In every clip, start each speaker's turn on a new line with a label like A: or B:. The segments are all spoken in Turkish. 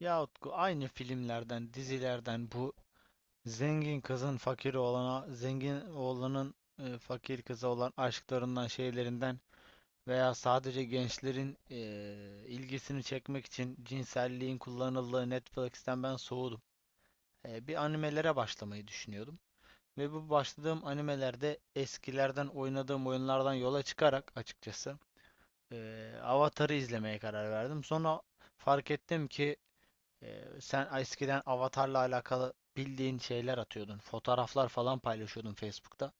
A: Ya Utku, aynı filmlerden, dizilerden, bu zengin kızın fakir oğlana, zengin oğlanın fakir kıza olan aşklarından, şeylerinden veya sadece gençlerin ilgisini çekmek için cinselliğin kullanıldığı Netflix'ten ben soğudum. Bir animelere başlamayı düşünüyordum. Ve bu başladığım animelerde eskilerden oynadığım oyunlardan yola çıkarak açıkçası e, Avatar'ı izlemeye karar verdim. Sonra fark ettim ki sen eskiden avatarla alakalı bildiğin şeyler atıyordun. Fotoğraflar falan paylaşıyordun Facebook'ta.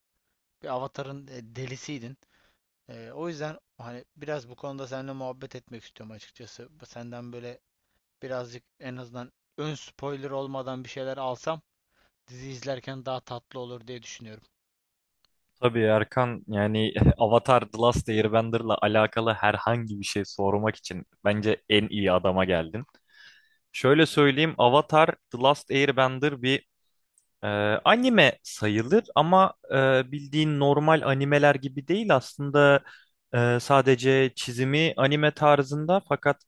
A: Bir avatarın delisiydin. O yüzden hani biraz bu konuda seninle muhabbet etmek istiyorum açıkçası. Senden böyle birazcık en azından ön spoiler olmadan bir şeyler alsam, dizi izlerken daha tatlı olur diye düşünüyorum.
B: Tabii Erkan yani Avatar The Last Airbender'la alakalı herhangi bir şey sormak için bence en iyi adama geldin. Şöyle söyleyeyim, Avatar The Last Airbender bir e, anime sayılır, ama bildiğin normal animeler gibi değil aslında. Sadece çizimi anime tarzında, fakat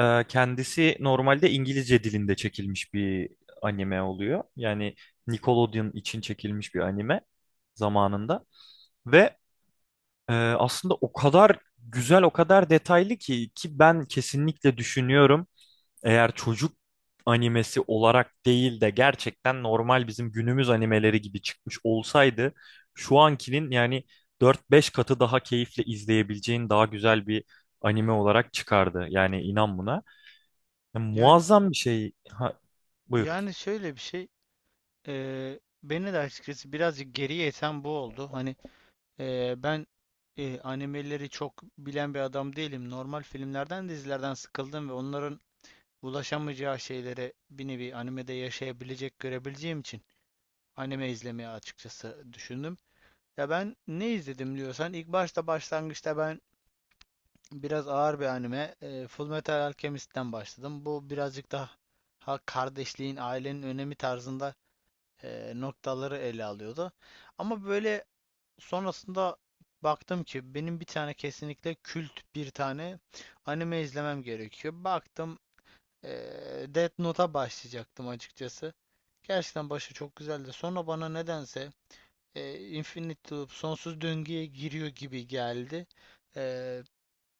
B: kendisi normalde İngilizce dilinde çekilmiş bir anime oluyor. Yani Nickelodeon için çekilmiş bir anime zamanında. Ve aslında o kadar güzel, o kadar detaylı ki ben kesinlikle düşünüyorum. Eğer çocuk animesi olarak değil de gerçekten normal bizim günümüz animeleri gibi çıkmış olsaydı şu ankinin yani dört beş katı daha keyifle izleyebileceğin daha güzel bir
A: Hı.
B: anime olarak çıkardı. Yani inan buna. Ya,
A: Yani,
B: muazzam bir şey. Ha, buyur.
A: yani şöyle bir şey, beni de açıkçası birazcık geriye iten bu oldu. Hani ben animeleri çok bilen bir adam değilim. Normal filmlerden, dizilerden sıkıldım ve onların ulaşamayacağı şeyleri bir nevi animede yaşayabilecek, görebileceğim için anime izlemeye açıkçası düşündüm. Ya ben ne izledim diyorsan ilk başta, başlangıçta ben biraz ağır bir anime, Fullmetal Alchemist'ten başladım. Bu birazcık daha, ha, kardeşliğin, ailenin önemi tarzında noktaları ele alıyordu. Ama böyle, sonrasında baktım ki benim bir tane, kesinlikle kült bir tane anime izlemem gerekiyor. Baktım, Death Note'a başlayacaktım açıkçası. Gerçekten başı çok güzeldi. Sonra bana nedense Infinite Loop, sonsuz döngüye giriyor gibi geldi. Eee,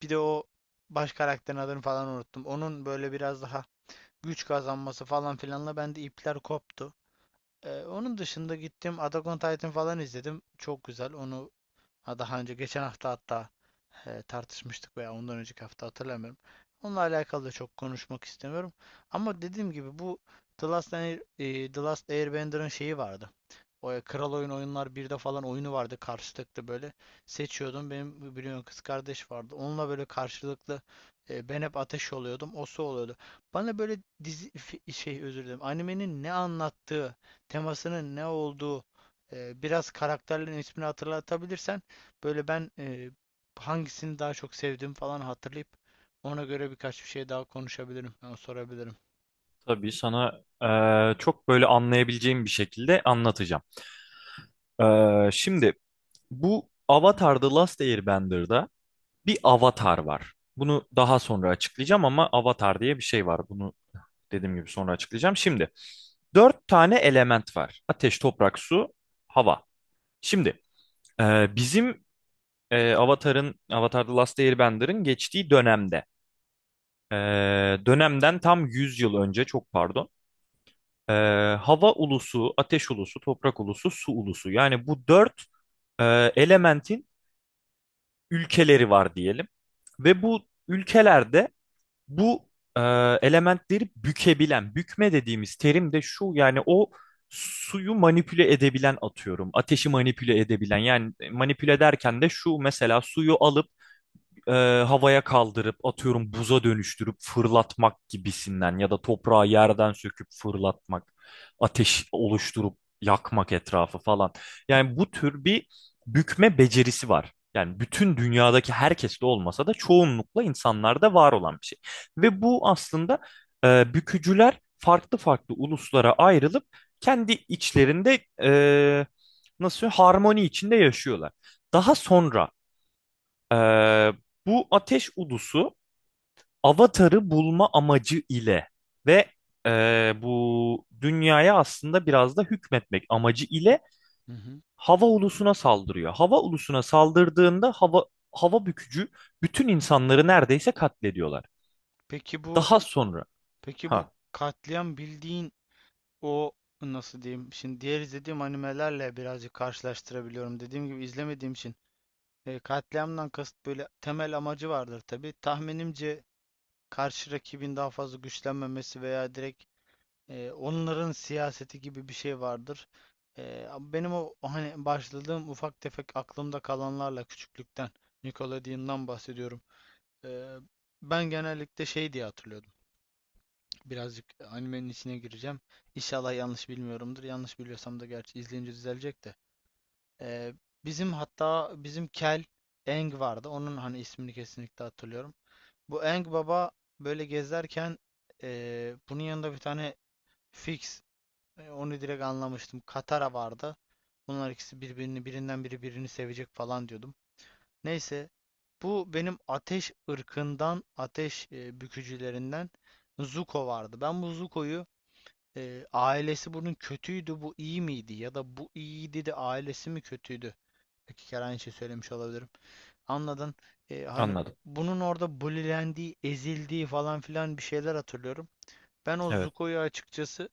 A: Bir de o baş karakterin adını falan unuttum. Onun böyle biraz daha güç kazanması falan filanla bende ipler koptu. Onun dışında gittim Attack on Titan falan izledim. Çok güzel. Onu, ha, daha önce geçen hafta hatta tartışmıştık veya ondan önceki hafta, hatırlamıyorum. Onunla alakalı da çok konuşmak istemiyorum. Ama dediğim gibi bu The Last, The Last Airbender'ın şeyi vardı. O Kral Oyun Oyunlar 1'de falan oyunu vardı, karşılıklı böyle seçiyordum. Benim biliyorsun kız kardeş vardı. Onunla böyle karşılıklı ben hep ateş oluyordum. O su oluyordu. Bana böyle şey, özür dilerim. Animenin ne anlattığı, temasının ne olduğu, biraz karakterlerin ismini hatırlatabilirsen, böyle ben hangisini daha çok sevdiğimi falan hatırlayıp ona göre birkaç bir şey daha konuşabilirim. Yani sorabilirim.
B: Tabii sana çok böyle anlayabileceğim bir şekilde anlatacağım. Şimdi bu Avatar The Last Airbender'da bir avatar var. Bunu daha sonra açıklayacağım, ama avatar diye bir şey var. Bunu dediğim gibi sonra açıklayacağım. Şimdi dört tane element var: ateş, toprak, su, hava. Şimdi bizim Avatar'ın, Avatar The Last Airbender'ın geçtiği dönemde, e, dönemden tam 100 yıl önce, çok pardon, e, hava ulusu, ateş ulusu, toprak ulusu, su ulusu. Yani bu dört e, elementin ülkeleri var diyelim. Ve bu ülkelerde bu e, elementleri bükebilen, bükme dediğimiz terim de şu yani, o suyu manipüle edebilen atıyorum, ateşi manipüle edebilen, yani manipüle derken de şu: mesela suyu alıp e, havaya kaldırıp atıyorum buza dönüştürüp fırlatmak gibisinden, ya da toprağı yerden söküp fırlatmak, ateş oluşturup yakmak etrafı falan. Yani bu tür bir bükme becerisi var. Yani bütün dünyadaki herkeste olmasa da çoğunlukla insanlarda var olan bir şey. Ve bu aslında bükücüler farklı farklı uluslara ayrılıp kendi içlerinde, nasıl söyleyeyim, harmoni içinde yaşıyorlar. Daha sonra ee, bu ateş udusu Avatar'ı bulma amacı ile ve bu dünyaya aslında biraz da hükmetmek amacı ile
A: Hı hı.
B: hava ulusuna saldırıyor. Hava ulusuna saldırdığında hava bükücü bütün insanları neredeyse katlediyorlar.
A: Peki bu
B: Daha sonra
A: peki bu
B: ha,
A: katliam, bildiğin, o nasıl diyeyim? Şimdi diğer izlediğim animelerle birazcık karşılaştırabiliyorum. Dediğim gibi izlemediğim için katliamdan kasıt böyle, temel amacı vardır tabii. Tahminimce karşı rakibin daha fazla güçlenmemesi veya direkt onların siyaseti gibi bir şey vardır. Ee, Benim o hani başladığım ufak tefek aklımda kalanlarla, küçüklükten Nickelodeon'dan bahsediyorum. Ee, Ben genellikle şey diye hatırlıyordum. Birazcık animenin içine gireceğim. İnşallah yanlış bilmiyorumdur. Yanlış biliyorsam da gerçi izleyince düzelecek de. Ee, bizim, hatta bizim Kel Aang vardı. Onun hani ismini kesinlikle hatırlıyorum. Bu Aang baba böyle gezerken bunun yanında bir tane Fix, onu direkt anlamıştım. Katara vardı. Bunlar ikisi birbirini, birinden biri birini sevecek falan diyordum. Neyse, bu benim ateş ırkından, ateş bükücülerinden Zuko vardı. Ben bu Zuko'yu, ailesi bunun kötüydü, bu iyi miydi ya da bu iyiydi de ailesi mi kötüydü? İki kere aynı şey söylemiş olabilirim. Anladın? Hani
B: anladım.
A: bunun orada bulilendiği, ezildiği falan filan bir şeyler hatırlıyorum. Ben o
B: Evet.
A: Zuko'yu açıkçası,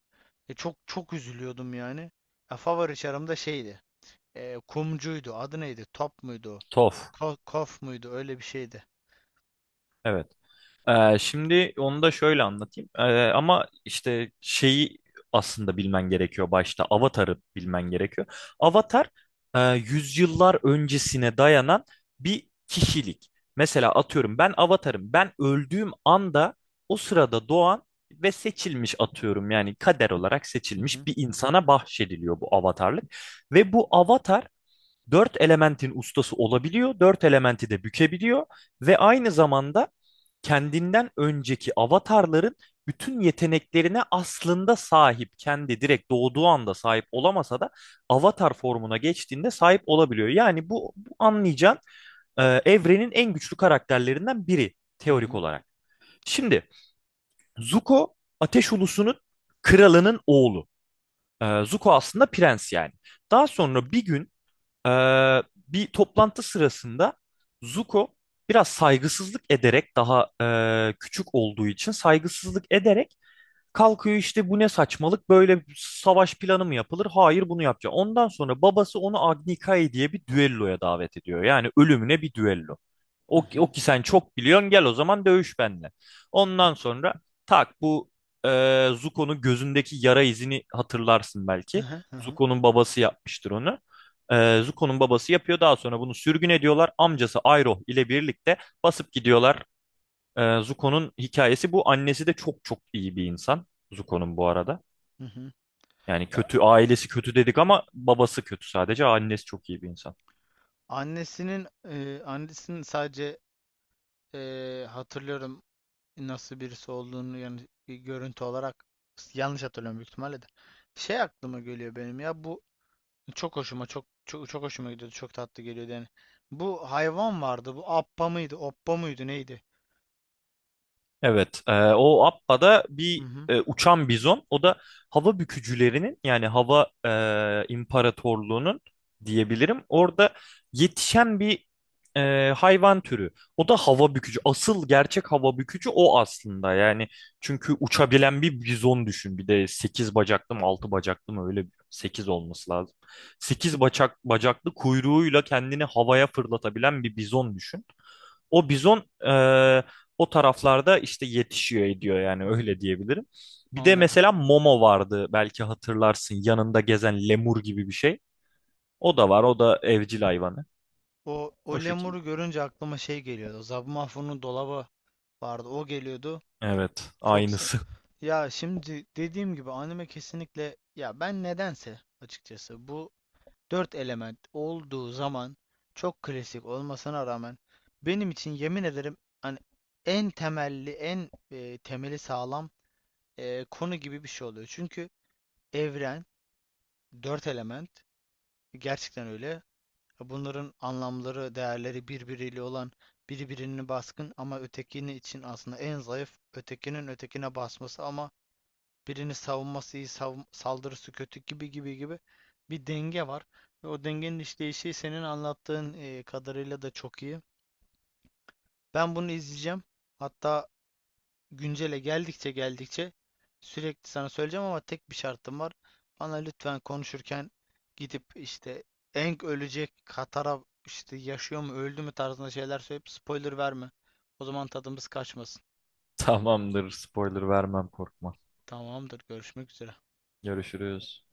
A: çok çok üzülüyordum yani. Ya, favori çarım da şeydi. Kumcuydu. Adı neydi? Top muydu?
B: Tof.
A: Ko, kof muydu? Öyle bir şeydi.
B: Evet. Şimdi onu da şöyle anlatayım. Ama işte şeyi aslında bilmen gerekiyor başta. Avatar'ı bilmen gerekiyor. Avatar yüzyıllar öncesine dayanan bir kişilik. Mesela atıyorum ben Avatar'ım. Ben öldüğüm anda o sırada doğan ve seçilmiş, atıyorum yani kader olarak
A: Hı
B: seçilmiş
A: hı.
B: bir insana bahşediliyor bu avatarlık. Ve bu avatar dört elementin ustası olabiliyor. Dört elementi de bükebiliyor ve aynı zamanda kendinden önceki avatarların bütün yeteneklerine aslında sahip. Kendi direkt doğduğu anda sahip olamasa da avatar formuna geçtiğinde sahip olabiliyor. Yani bu anlayacağın evrenin en güçlü karakterlerinden biri
A: Hı
B: teorik
A: hı.
B: olarak. Şimdi Zuko Ateş Ulusu'nun kralının oğlu. Zuko aslında prens yani. Daha sonra bir gün ee, bir toplantı sırasında Zuko biraz saygısızlık ederek, daha küçük olduğu için saygısızlık ederek kalkıyor, işte bu ne saçmalık, böyle savaş planı mı yapılır? Hayır, bunu yapacak. Ondan sonra babası onu Agnikai diye bir düelloya davet ediyor. Yani ölümüne bir düello.
A: Hı
B: O, ki- o
A: hı.
B: ki sen çok biliyorsun, gel o zaman dövüş benimle. Ondan sonra tak, bu Zuko'nun gözündeki yara izini hatırlarsın
A: Hı
B: belki.
A: hı. Hı hı.
B: Zuko'nun babası yapmıştır onu. Zuko'nun babası yapıyor, daha sonra bunu sürgün ediyorlar. Amcası Iroh ile birlikte basıp gidiyorlar. Zuko'nun hikayesi bu. Annesi de çok çok iyi bir insan. Zuko'nun bu arada.
A: Hı hı.
B: Yani
A: Ya,
B: kötü, ailesi kötü dedik ama babası kötü sadece. Annesi çok iyi bir insan.
A: annesinin, annesinin sadece, hatırlıyorum nasıl birisi olduğunu, yani bir görüntü olarak yanlış hatırlıyorum büyük ihtimalle de. Şey aklıma geliyor benim, ya bu, çok hoşuma, çok çok çok hoşuma gidiyordu. Çok tatlı geliyordu yani. Bu hayvan vardı. Bu appa mıydı? Oppa mıydı? Neydi?
B: Evet, o Appa'da
A: Hı
B: bir
A: hı,
B: uçan bizon. O da hava bükücülerinin yani hava imparatorluğunun diyebilirim. Orada yetişen bir hayvan türü. O da hava bükücü. Asıl gerçek hava bükücü o aslında. Yani çünkü uçabilen bir bizon düşün. Bir de 8 bacaklı mı, 6 bacaklı mı, öyle 8 olması lazım. 8 bacak bacaklı kuyruğuyla kendini havaya fırlatabilen bir bizon düşün. O bizon o taraflarda işte yetişiyor ediyor, yani öyle diyebilirim. Bir de
A: anladım.
B: mesela Momo vardı, belki hatırlarsın, yanında gezen lemur gibi bir şey. O da var, o da evcil hayvanı.
A: O, o
B: O şekilde.
A: lemuru görünce aklıma şey geliyordu. Zabumafu'nun dolabı vardı. O geliyordu.
B: Evet,
A: Çok sa-
B: aynısı.
A: ya şimdi dediğim gibi, anime kesinlikle, ya ben nedense açıkçası bu dört element olduğu zaman, çok klasik olmasına rağmen, benim için yemin ederim, hani en temelli, en temeli sağlam konu gibi bir şey oluyor. Çünkü evren, dört element, gerçekten öyle. Bunların anlamları, değerleri, birbiriyle olan, biri birine baskın ama ötekini için aslında en zayıf, ötekinin ötekine basması ama birini savunması iyi, saldırısı kötü gibi gibi gibi bir denge var. Ve o dengenin işleyişi senin anlattığın kadarıyla da çok iyi. Ben bunu izleyeceğim. Hatta güncele geldikçe sürekli sana söyleyeceğim, ama tek bir şartım var. Bana lütfen konuşurken gidip işte Aang ölecek, Katara işte yaşıyor mu öldü mü tarzında şeyler söyleyip spoiler verme. O zaman tadımız kaçmasın.
B: Tamamdır, spoiler vermem, korkma.
A: Tamamdır, görüşmek üzere.
B: Görüşürüz.